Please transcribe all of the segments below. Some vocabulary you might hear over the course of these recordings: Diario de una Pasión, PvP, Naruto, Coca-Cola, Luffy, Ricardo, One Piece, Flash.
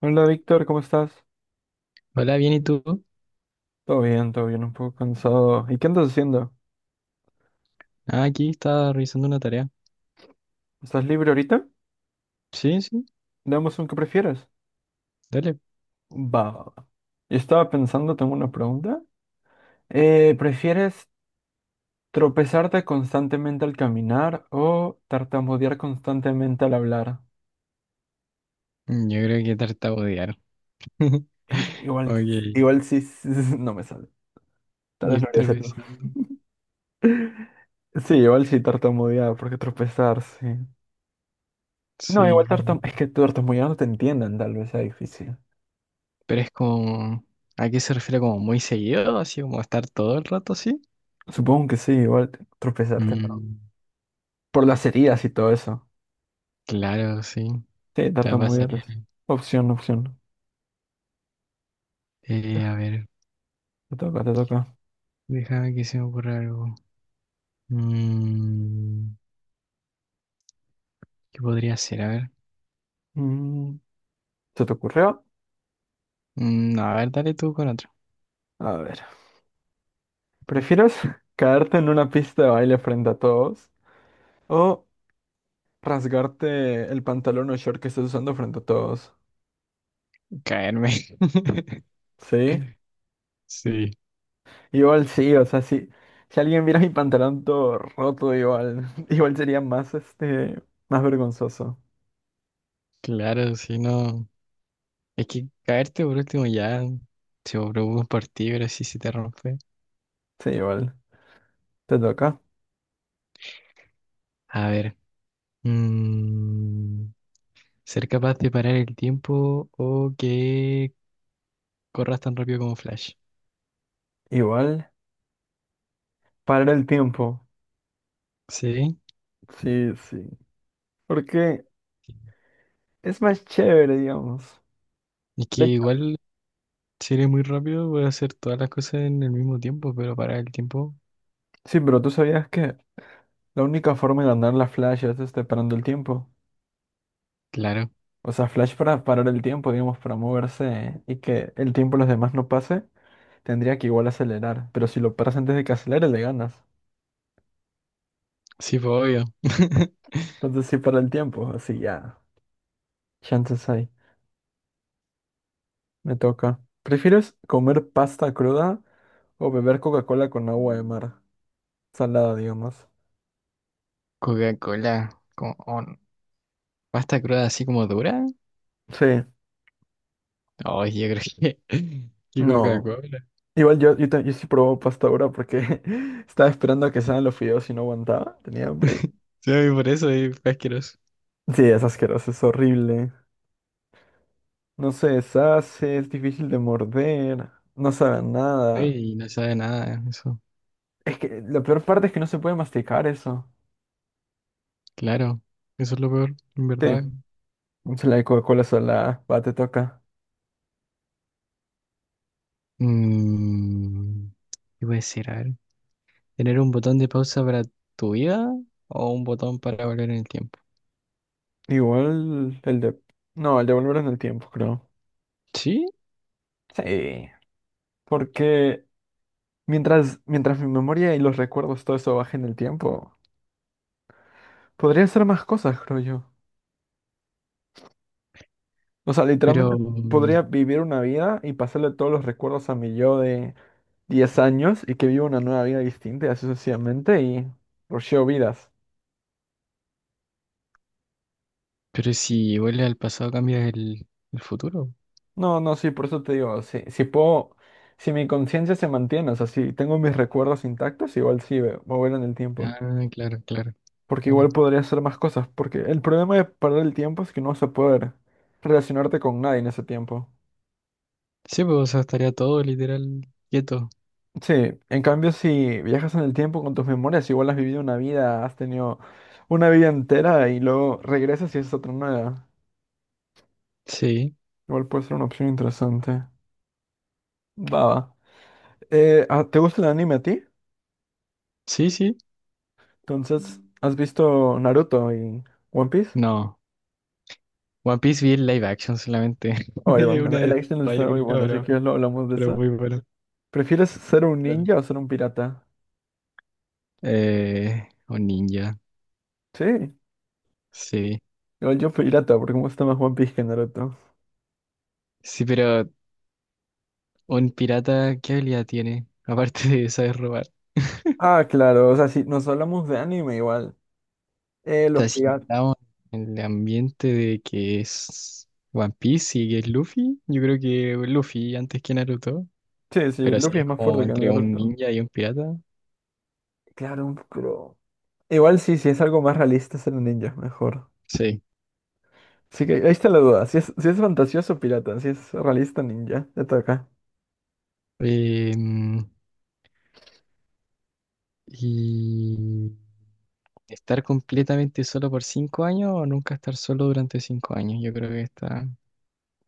Hola Víctor, ¿cómo estás? Hola, bien, ¿y tú? Todo bien, un poco cansado. ¿Y qué andas haciendo? Ah, aquí estaba revisando una tarea. ¿Estás libre ahorita? Sí, sí, Damos un que prefieres. dale. Va, va, va. Yo estaba pensando, tengo una pregunta. ¿Prefieres tropezarte constantemente al caminar o tartamudear constantemente al hablar? Yo creo que tartamudear. Igual, Ok, igual sí, sí, sí, no me sale. Tal vez ir no haría hacerlo. tropezando. Sí, igual sí tartamudear, porque tropezar, sí. No, igual Sí, es que tartamudear no te entiendan, tal vez sea difícil. pero es como... ¿A qué se refiere como muy seguido? Así como estar todo el rato así. Supongo que sí, igual tropezarte. Mm, Por las heridas y todo eso. claro, sí. Sí, claro, Te va a pasar. tartamudear es opción, opción. A ver, Te toca, te toca. déjame que se me ocurra algo. Mm, ¿qué podría ser? A ver. Mm, ¿se te ocurrió? Mm, no, a ver, dale tú con otro. A ver. ¿Prefieres caerte en una pista de baile frente a todos o rasgarte el pantalón o short que estás usando frente a todos? Caerme. ¿Sí? Sí, Igual sí, o sea, si, si alguien viera mi pantalón todo roto, igual, igual sería más, este, más vergonzoso. claro, si no. Es que caerte por último ya, si vos preocupas por un partido, pero si se te rompe. Sí, igual. Te toca. A ver, mm, ser capaz de parar el tiempo o que corras tan rápido como Flash. Igual. Parar el tiempo. Sí, Sí, sí. Porque es más chévere, digamos. es que De hecho, igual si eres muy rápido puedes hacer todas las cosas en el mismo tiempo, pero parar el tiempo, sí, pero tú sabías que la única forma de ganar la Flash es este, parando el tiempo. claro, O sea, Flash para parar el tiempo, digamos, para moverse y que el tiempo de los demás no pase, tendría que igual acelerar. Pero si lo paras antes de que acelere, le ganas. sí, pues obvio. Entonces sí para el tiempo, así ya. Chances hay. Me toca. ¿Prefieres comer pasta cruda o beber Coca-Cola con agua de mar? Salada, digamos. Coca-Cola, con on- pasta cruda así como dura. Sí. Ay, yo creo que, que No. Coca-Cola. Igual yo, yo sí probaba pasta ahora porque estaba esperando a que salgan los fideos y no aguantaba. Tenía hambre. Sí, por eso es asqueroso. Sí, es asqueroso, es horrible. No se deshace, es difícil de morder, no sabe a nada. Ey, no sabe nada, eso, Es que la peor parte es que no se puede masticar eso. claro, eso es lo peor, en Sí, verdad. se la de Coca-Cola sola, va, te toca. Mm, ¿qué puede ser? A ver, ¿tener un botón de pausa para tu vida o un botón para volver en el tiempo? Igual el de... No, el de volver en el tiempo, creo. Sí, Sí, porque mientras mi memoria y los recuerdos, todo eso baje en el tiempo, podría hacer más cosas, creo yo. O sea, literalmente pero, mm, podría vivir una vida y pasarle todos los recuerdos a mi yo de 10 años y que viva una nueva vida distinta y así sucesivamente y rusheo vidas. pero si vuelves al pasado cambias el futuro. No, no, sí, por eso te digo, si, si puedo, si mi conciencia se mantiene, o sea, si tengo mis recuerdos intactos, igual sí, voy a ver en el tiempo. Ah, claro, claro, Porque bueno. igual podría hacer más cosas, porque el problema de perder el tiempo es que no vas a poder relacionarte con nadie en ese tiempo. Sí, pues o sea, estaría todo literal quieto. Sí, en cambio si viajas en el tiempo con tus memorias, igual has vivido una vida, has tenido una vida entera y luego regresas y es otra nueva. Sí, Igual puede ser una opción interesante. Va, va. ¿Te gusta el anime a ti? Sí. Entonces, ¿has visto Naruto y One Piece? No, One Piece vi el live action solamente. Oye, Una bueno, de el action esas, yo está muy creo, bueno, así que ya lo hablamos de pero eso. muy bueno. ¿Prefieres ser un Dale. ninja o ser un pirata? Un ninja, Sí, sí. igual yo pirata, porque me gusta más One Piece que Naruto. Sí, pero un pirata, ¿qué habilidad tiene? Aparte de saber robar. Ah, claro, o sea, si nos hablamos de anime igual. O Los sea, si piratas. estamos en el ambiente de que es One Piece y que es Luffy, yo creo que Luffy antes que Naruto. Sí, sí, Pero así Luffy es es más como fuerte que entre un Naruto. ninja y un pirata. Claro, pero... Igual sí, sí es algo más realista ser un ninja, mejor. Sí. Así que ahí está la duda, si es, si es fantasioso pirata, si es realista ninja, ya está acá. Em, y estar completamente solo por 5 años o nunca estar solo durante 5 años, yo creo que está.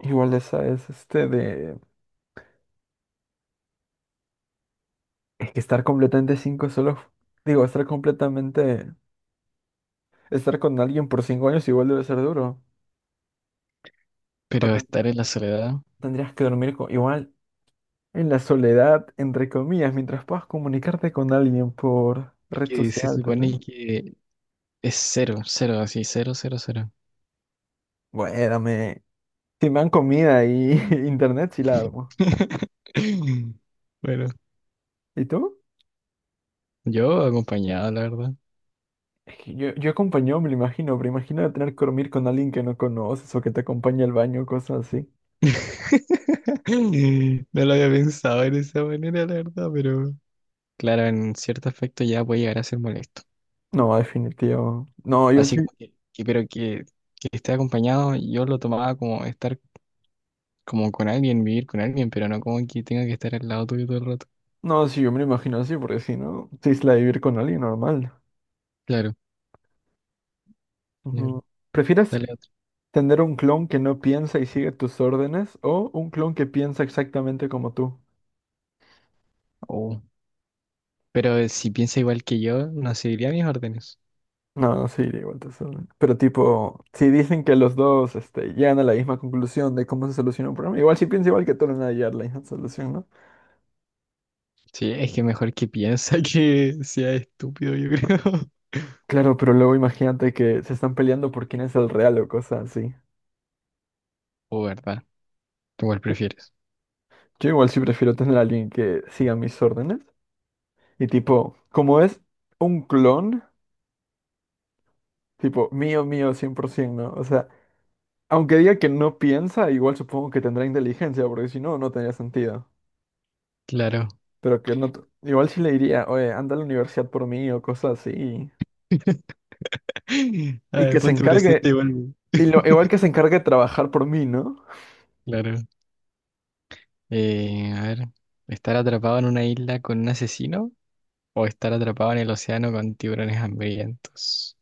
Igual esa es este de... Es que estar completamente cinco solo... Digo, estar completamente... Estar con alguien por 5 años igual debe ser duro. O sea, Pero estar en la soledad. tendrías que dormir igual en la soledad, entre comillas, mientras puedas comunicarte con alguien por Y red que se social, tal vez. supone que es cero, cero, así, cero, cero, cero. Bueno, si me dan comida y internet, sí la armo. Bueno, ¿Y tú? yo acompañado, la verdad. Es que yo acompañado me lo imagino, pero imagino tener que dormir con alguien que no conoces o que te acompañe al baño, cosas así. No lo había pensado en esa manera, la verdad, pero claro, en cierto aspecto ya puede llegar a ser molesto. No, definitivo. No, yo Así sí. como que esté acompañado, yo lo tomaba como estar como con alguien, vivir con alguien, pero no como que tenga que estar al lado tuyo todo el rato. No, sí, yo me lo imagino así, porque si no, sí es la de vivir con alguien normal. Claro, ya, Ujú. ¿Prefieres dale otro. tener un clon que no piensa y sigue tus órdenes o un clon que piensa exactamente como tú? Oh, pero si piensa igual que yo, no seguiría mis órdenes. No, sí, de igual te. Pero tipo, si dicen que los dos este, llegan a la misma conclusión de cómo se soluciona un problema, igual si piensa igual que todos van a llegar a la misma solución, ¿no? Sí, es que mejor que piensa que sea estúpido, yo creo. Claro, pero luego imagínate que se están peleando por quién es el real o cosas así. O verdad, ¿tú cuál Y- prefieres? Yo igual sí prefiero tener a alguien que siga mis órdenes. Y tipo, como es un clon, tipo, mío, mío, 100%, ¿no? O sea, aunque diga que no piensa, igual supongo que tendrá inteligencia, porque si no, no tendría sentido. Claro. Pero que no. Igual sí le diría, oye, anda a la universidad por mí o cosas así. A Y ver, que se ponte presente encargue. igual. Y lo, igual que se encargue de trabajar por mí, ¿no? Claro. A ver, ¿estar atrapado en una isla con un asesino o estar atrapado en el océano con tiburones hambrientos?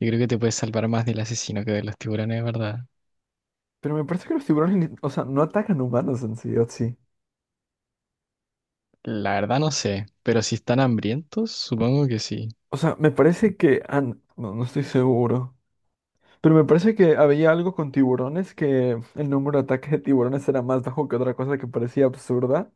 Yo creo que te puedes salvar más del asesino que de los tiburones, ¿verdad? Pero me parece que los tiburones, o sea, no atacan humanos en sí, ¿o sí? La verdad no sé, pero si están hambrientos, supongo que sí. O sea, me parece que no, no estoy seguro. Pero me parece que había algo con tiburones que el número de ataques de tiburones era más bajo que otra cosa que parecía absurda.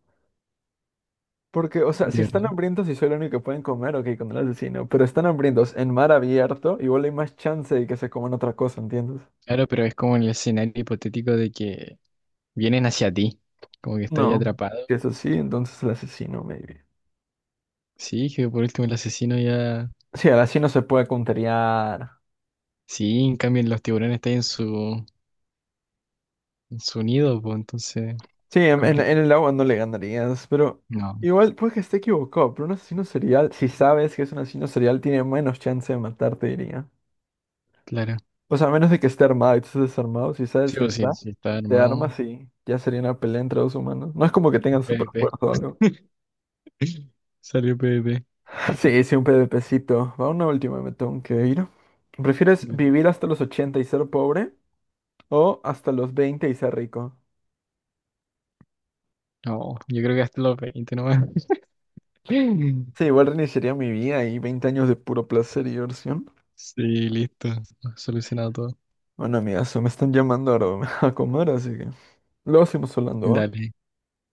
Porque, o sea, De si están verdad. hambrientos y soy el único que pueden comer, ok, con el asesino. Pero están hambrientos en mar abierto, igual hay más chance de que se coman otra cosa, ¿entiendes? Claro, pero es como el escenario hipotético de que vienen hacia ti, como que está ahí No, atrapado. si es así, entonces el asesino, maybe. Sí, que por último el asesino ya... Sí, al asesino se puede counterear. Sí, en cambio los tiburones están en en su nido, pues entonces Sí, en complicado. el agua no le ganarías, pero No, igual puede que esté equivocado, pero un asesino serial, si sabes que es un asesino serial, tiene menos chance de matarte, diría. claro. O sea, a menos de que esté armado y tú estés desarmado, si sabes que está, Sí está te armado. armas y ya sería una pelea entre dos humanos. No es como que tengan super PvP, fuerza o algo. salió PvP. Sí, sí, un PvPcito. Va una última, me tengo que ir. ¿Prefieres Bueno, vivir hasta los 80 y ser pobre o hasta los 20 y ser rico? no, yo creo que hasta los 20 nomás. Sí, igual reiniciaría mi vida y 20 años de puro placer y diversión. Sí, listo, solucionado todo. Bueno, amigazo, me están llamando ahora a comer, así que luego seguimos hablando, ¿va? Dale,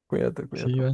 Cuídate, cuídate. sí, va.